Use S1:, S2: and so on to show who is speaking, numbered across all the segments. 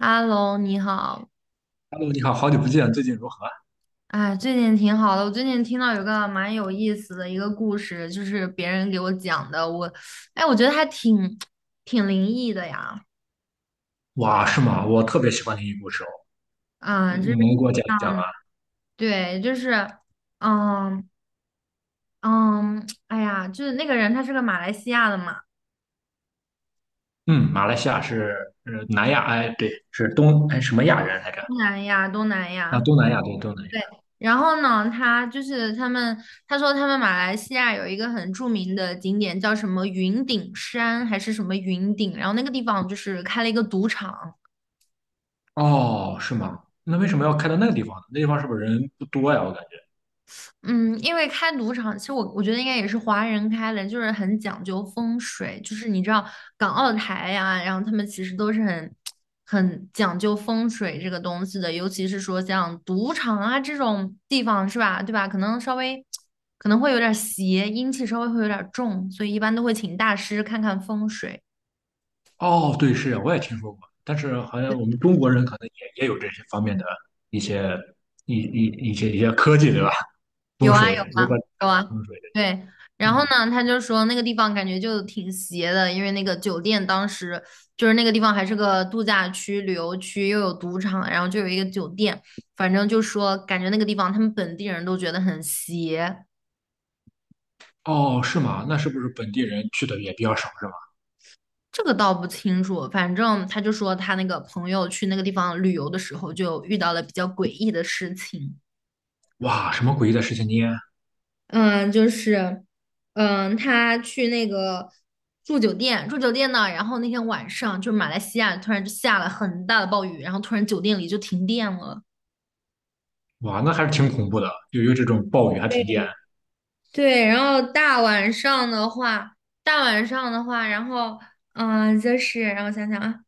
S1: h e 你好。
S2: 哈喽，你好，好久不见，最近如何？
S1: 哎，最近挺好的。我最近听到有个蛮有意思的一个故事，就是别人给我讲的。哎，我觉得还挺灵异的呀。
S2: 哇，是吗？我特别喜欢听英故事哦，你
S1: 嗯，就
S2: 你
S1: 是
S2: 能给我讲一讲
S1: 啊，
S2: 吗？
S1: 对，就是，嗯嗯，哎呀，就是那个人他是个马来西亚的嘛，
S2: 嗯，马来西亚是南亚，哎，对，是东哎什么亚人来着？
S1: 东南亚，东南
S2: 啊，
S1: 亚。
S2: 东南亚，对，东南亚。
S1: 对，然后呢，他说他们马来西亚有一个很著名的景点叫什么云顶山还是什么云顶，然后那个地方就是开了一个赌场。
S2: 哦，是吗？那为什么要开到那个地方呢？那地方是不是人不多呀？我感觉。
S1: 嗯，因为开赌场，其实我觉得应该也是华人开的，就是很讲究风水，就是你知道港澳台呀，然后他们其实都是很讲究风水这个东西的，尤其是说像赌场啊这种地方是吧，对吧？可能稍微可能会有点邪，阴气稍微会有点重，所以一般都会请大师看看风水。
S2: 哦，对，是，我也听说过，但是好像我们中国人可能也有这些方面的一些一一一些科技，对吧？
S1: 有
S2: 风
S1: 啊有
S2: 水如
S1: 啊
S2: 何
S1: 有
S2: 查
S1: 啊，
S2: 风水
S1: 对。
S2: 的
S1: 然后
S2: 嗯，
S1: 呢，他就说那个地方感觉就挺邪的，因为那个酒店当时就是那个地方还是个度假区、旅游区，又有赌场，然后就有一个酒店，反正就说感觉那个地方他们本地人都觉得很邪，
S2: 哦，是吗？那是不是本地人去的也比较少，是吧？
S1: 这个倒不清楚。反正他就说他那个朋友去那个地方旅游的时候，就遇到了比较诡异的事情。
S2: 哇，什么诡异的事情呢？
S1: 嗯，就是，他去那个住酒店呢，然后那天晚上就是马来西亚突然就下了很大的暴雨，然后突然酒店里就停电了。
S2: 哇，那还是挺恐怖的，就有这种暴雨还停电。
S1: 对，然后大晚上的话，然后就是让我想想啊，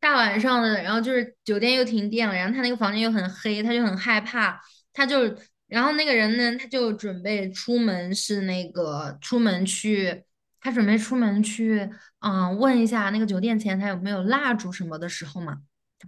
S1: 大晚上的，然后就是酒店又停电了，然后他那个房间又很黑，他就很害怕，他就，然后那个人呢，他就准备出门是那个出门去，他准备出门去，问一下那个酒店前台有没有蜡烛什么的时候嘛，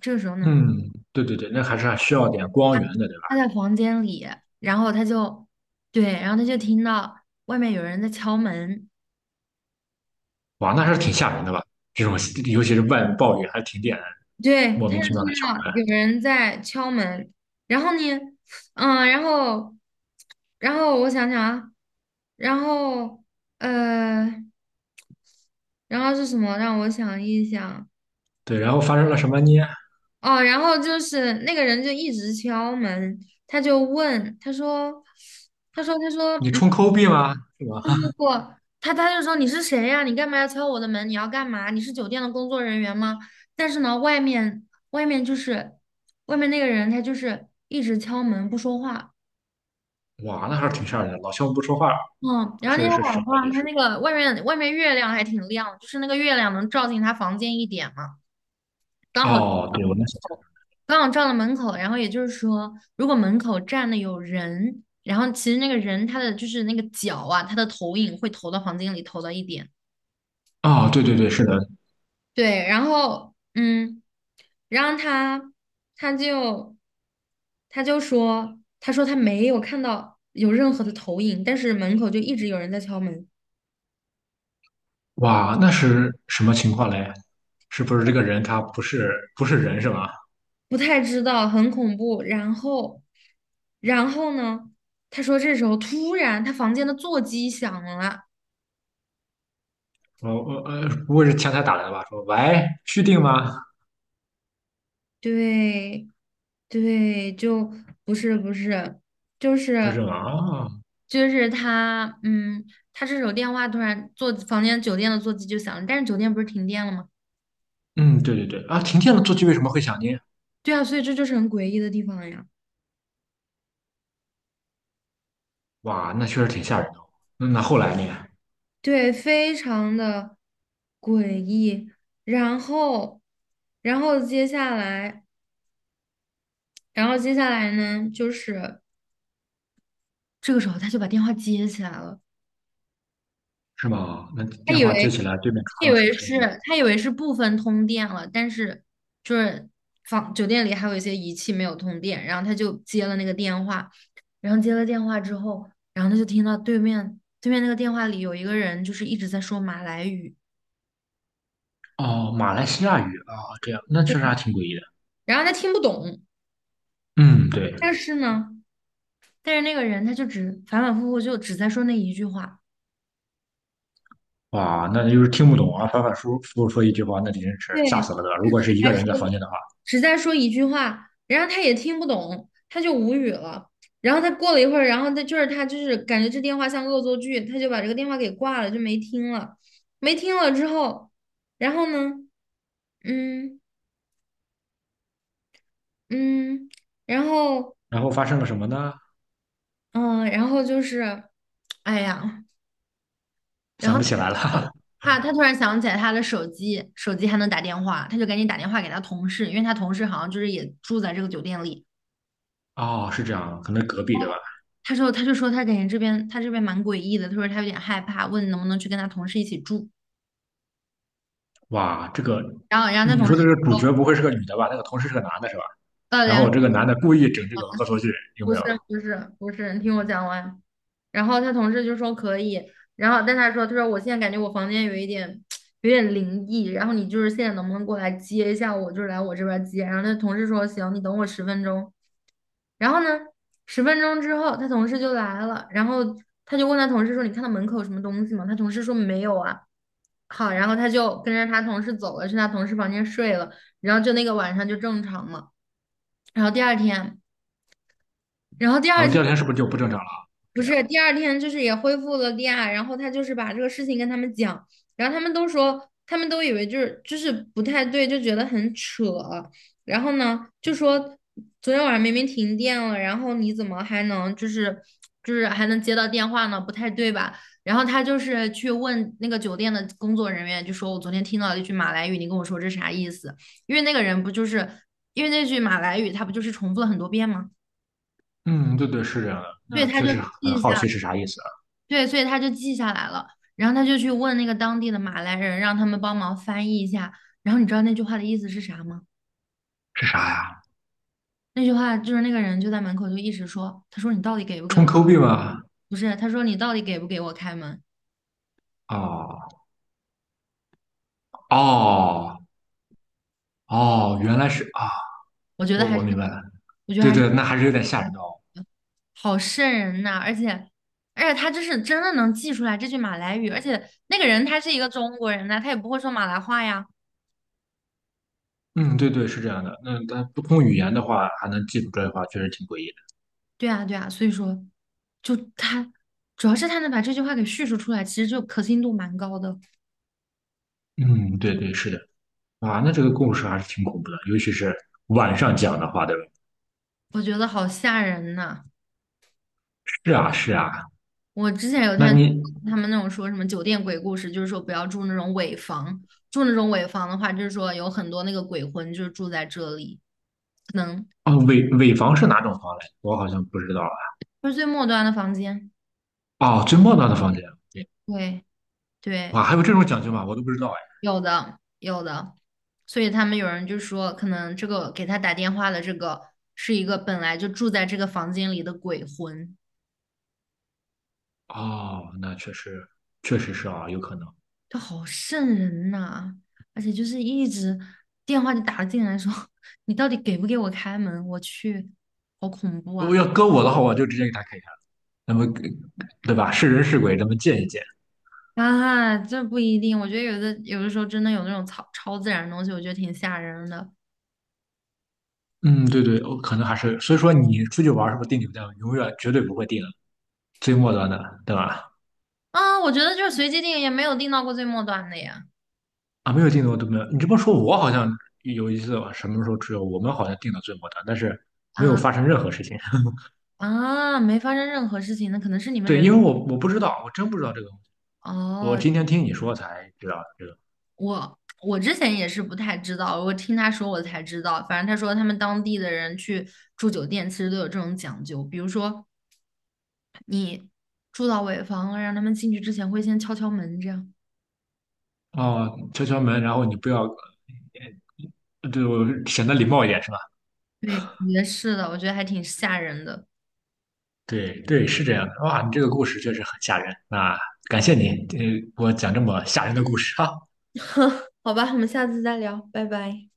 S1: 这个时候呢，
S2: 嗯，对对对，那还是需要点光源的，对吧？
S1: 他在房间里，然后他就，对，然后他就听到外面有人在敲门。
S2: 哇，那还是挺吓人的吧？这种尤其是外面暴雨还停电，
S1: 对，他
S2: 莫
S1: 就
S2: 名其妙
S1: 听
S2: 的敲
S1: 到
S2: 门。
S1: 有人在敲门，然后呢，嗯，然后，然后我想想啊，然后，呃，然后是什么？让我想一想。
S2: 对，然后发生了什么？呢？
S1: 哦，然后就是那个人就一直敲门，他就问，他说。
S2: 你充抠币吗？是吧？
S1: 不，他就说你是谁呀？你干嘛要敲我的门？你要干嘛？你是酒店的工作人员吗？但是呢，外面那个人，他就是一直敲门不说话。
S2: 哇，那还是挺吓人的。老乡不说话，
S1: 嗯，然后那天
S2: 是
S1: 晚
S2: 什么
S1: 上，
S2: 意
S1: 他
S2: 思？
S1: 那个外面月亮还挺亮，就是那个月亮能照进他房间一点嘛，刚好照
S2: 哦，
S1: 到
S2: 对，
S1: 门
S2: 我能想象。
S1: 口，刚好照到门口。然后也就是说，如果门口站的有人，然后其实那个人他的就是那个脚啊，他的投影会投到房间里，投到一点。
S2: 哦，对对对，是的。
S1: 对，然后嗯，然后他他就说，他说他没有看到有任何的投影，但是门口就一直有人在敲门。
S2: 哇，那是什么情况嘞？是不是这个人他不是人是吧？
S1: 不太知道，很恐怖。然后呢，他说这时候突然他房间的座机响了，
S2: 哦，不会是前台打来的吧？说喂，续订吗？
S1: 对对，就不是不是，就
S2: 不是
S1: 是。
S2: 吗？哦，
S1: 就是他，嗯，他这时候电话突然座房间酒店的座机就响了，但是酒店不是停电了吗？
S2: 嗯，对对对，啊，停电了，座机为什么会响呢？
S1: 对啊，所以这就是很诡异的地方呀。
S2: 哇，那确实挺吓人的哦，那那后来呢？
S1: 对，非常的诡异。然后，然后接下来，然后接下来呢，就是这个时候他就把电话接起来了。
S2: 是吗？那
S1: 他
S2: 电
S1: 以
S2: 话接
S1: 为
S2: 起来，对面
S1: 他以
S2: 传了什
S1: 为
S2: 么声
S1: 是
S2: 音呢？
S1: 他以为是部分通电了，但是就是房酒店里还有一些仪器没有通电，然后他就接了那个电话，然后接了电话之后，然后他就听到对面那个电话里有一个人就是一直在说马来语，
S2: 哦，马来西亚语啊，这样，那确实还挺诡异的。
S1: 然后他听不懂，
S2: 嗯，对，
S1: 但是呢，但是那个人他就只反反复复就只在说那一句话。
S2: 哇，那就是听不懂啊，反反复复说一句话，那真是吓死
S1: 对，
S2: 了的。如果是一
S1: 还
S2: 个人在房
S1: 说
S2: 间的话，
S1: 只在说一句话，然后他也听不懂，他就无语了。然后他过了一会儿，然后他就是感觉这电话像恶作剧，他就把这个电话给挂了，就没听了。没听了之后，然后呢，嗯嗯，然后
S2: 然后发生了什么呢？
S1: 嗯，然后就是，哎呀，然
S2: 想
S1: 后
S2: 不起来了。
S1: 他突然想起来他的手机，手机还能打电话，他就赶紧打电话给他同事，因为他同事好像就是也住在这个酒店里。
S2: 哦，是这样，可能隔壁对吧？
S1: 他说他就说他感觉这边他这边蛮诡异的，他说他有点害怕，问能不能去跟他同事一起住。
S2: 哇，这个
S1: 然后，然后他
S2: 你
S1: 同
S2: 说的
S1: 事
S2: 这个主角不会是个女的吧？那个同事是个男的，是吧？
S1: 呃
S2: 然
S1: 两
S2: 后这个男的故意整这个恶作剧，有
S1: 不
S2: 没
S1: 是
S2: 有？
S1: 不是不是，你听我讲完。然后他同事就说可以，然后但他说他说我现在感觉我房间有一点 有点灵异，然后你就是现在能不能过来接一下我，就是来我这边接。然后他同事说行，你等我十分钟。然后呢，十分钟之后，他同事就来了，然后他就问他同事说："你看到门口有什么东西吗？"他同事说："没有啊。"好，然后他就跟着他同事走了，去他同事房间睡了，然后就那个晚上就正常了。然后第二天，然后第
S2: 然
S1: 二
S2: 后
S1: 天
S2: 第二天是不是就不正常了？
S1: 不
S2: 这样，
S1: 是，第二天就是也恢复了利亚，然后他就是把这个事情跟他们讲，然后他们都说，他们都以为就是不太对，就觉得很扯。然后呢，就说昨天晚上明明停电了，然后你怎么还能就是还能接到电话呢？不太对吧？然后他就是去问那个酒店的工作人员，就说我昨天听到了一句马来语，你跟我说这啥意思？因为那个人不就是因为那句马来语，他不就是重复了很多遍吗？
S2: 嗯，对对，是这样的。
S1: 对，
S2: 那
S1: 他
S2: 确
S1: 就
S2: 实
S1: 记
S2: 很
S1: 一
S2: 好
S1: 下。
S2: 奇是啥意思啊，
S1: 对，所以他就记下来了，然后他就去问那个当地的马来人，让他们帮忙翻译一下。然后你知道那句话的意思是啥吗？
S2: 是啥呀？
S1: 那句话就是那个人就在门口就一直说，他说你到底给不给
S2: 充
S1: 我？
S2: Q 币吗？
S1: 不是，他说你到底给不给我开门？
S2: 哦哦哦，原来是啊，
S1: 我觉得
S2: 我
S1: 还
S2: 我
S1: 是，
S2: 明白了。
S1: 我觉得
S2: 对
S1: 还是
S2: 对，那还是有点吓人的哦。
S1: 好瘆人呐、而且他这是真的能记出来这句马来语，而且那个人他是一个中国人呐、他也不会说马来话呀。
S2: 嗯，对对，是这样的。那他不通语言的话，还能记住这句话，确实挺诡异
S1: 对啊，对啊，所以说，就他主要是他能把这句话给叙述出来，其实就可信度蛮高的。
S2: 的。嗯，对对，是的。啊，那这个故事还是挺恐怖的，尤其是晚上讲的话，对吧？
S1: 我觉得好吓人呐！
S2: 是啊，是啊，
S1: 我之前有
S2: 那
S1: 看
S2: 你
S1: 他们那种说什么酒店鬼故事，就是说不要住那种尾房，住那种尾房的话，就是说有很多那个鬼魂就是住在这里，可能
S2: 哦，尾房是哪种房嘞？我好像不知道
S1: 就是最末端的房间。
S2: 啊。哦，最末端的房间，对，
S1: 对
S2: 哇，
S1: 对，
S2: 还有这种讲究吗？我都不知道哎。
S1: 有的有的，所以他们有人就说，可能这个给他打电话的这个是一个本来就住在这个房间里的鬼魂。
S2: 哦，那确实，确实是啊，有可能。
S1: 就好瘆人呐、而且就是一直电话就打进来说 你到底给不给我开门？我去，好恐怖
S2: 我
S1: 啊！
S2: 要搁我的话，我就直接给他开开了，那么对吧？是人是鬼，咱们见一见。
S1: 啊，这不一定，我觉得有的时候真的有那种超自然的东西，我觉得挺吓人的。
S2: 嗯，对对，我可能还是，所以说你出去玩是不是订酒店，永远绝对不会订最末端的，对吧？
S1: 啊，我觉得就是随机定也没有定到过最末端的呀。
S2: 啊，没有订的我都没有。你这么说，我好像有一次什么时候只有我们好像订的最末端，但是没有
S1: 啊
S2: 发生任何事情。
S1: 啊，没发生任何事情，那可能是你们
S2: 对，
S1: 人。
S2: 因为我不知道，我真不知道这个东西，我
S1: 哦，
S2: 今天听你说才知道这个。
S1: 我之前也是不太知道，我听他说我才知道。反正他说他们当地的人去住酒店其实都有这种讲究，比如说住到尾房了，让他们进去之前会先敲敲门，这样。
S2: 哦，敲敲门，然后你不要，对我显得礼貌一点是吧？
S1: 对，也是的，我觉得还挺吓人的。
S2: 对对，是这样的。哇，你这个故事确实很吓人。那感谢你，呃，给我讲这么吓人的故事啊！
S1: 好吧，我们下次再聊，拜拜。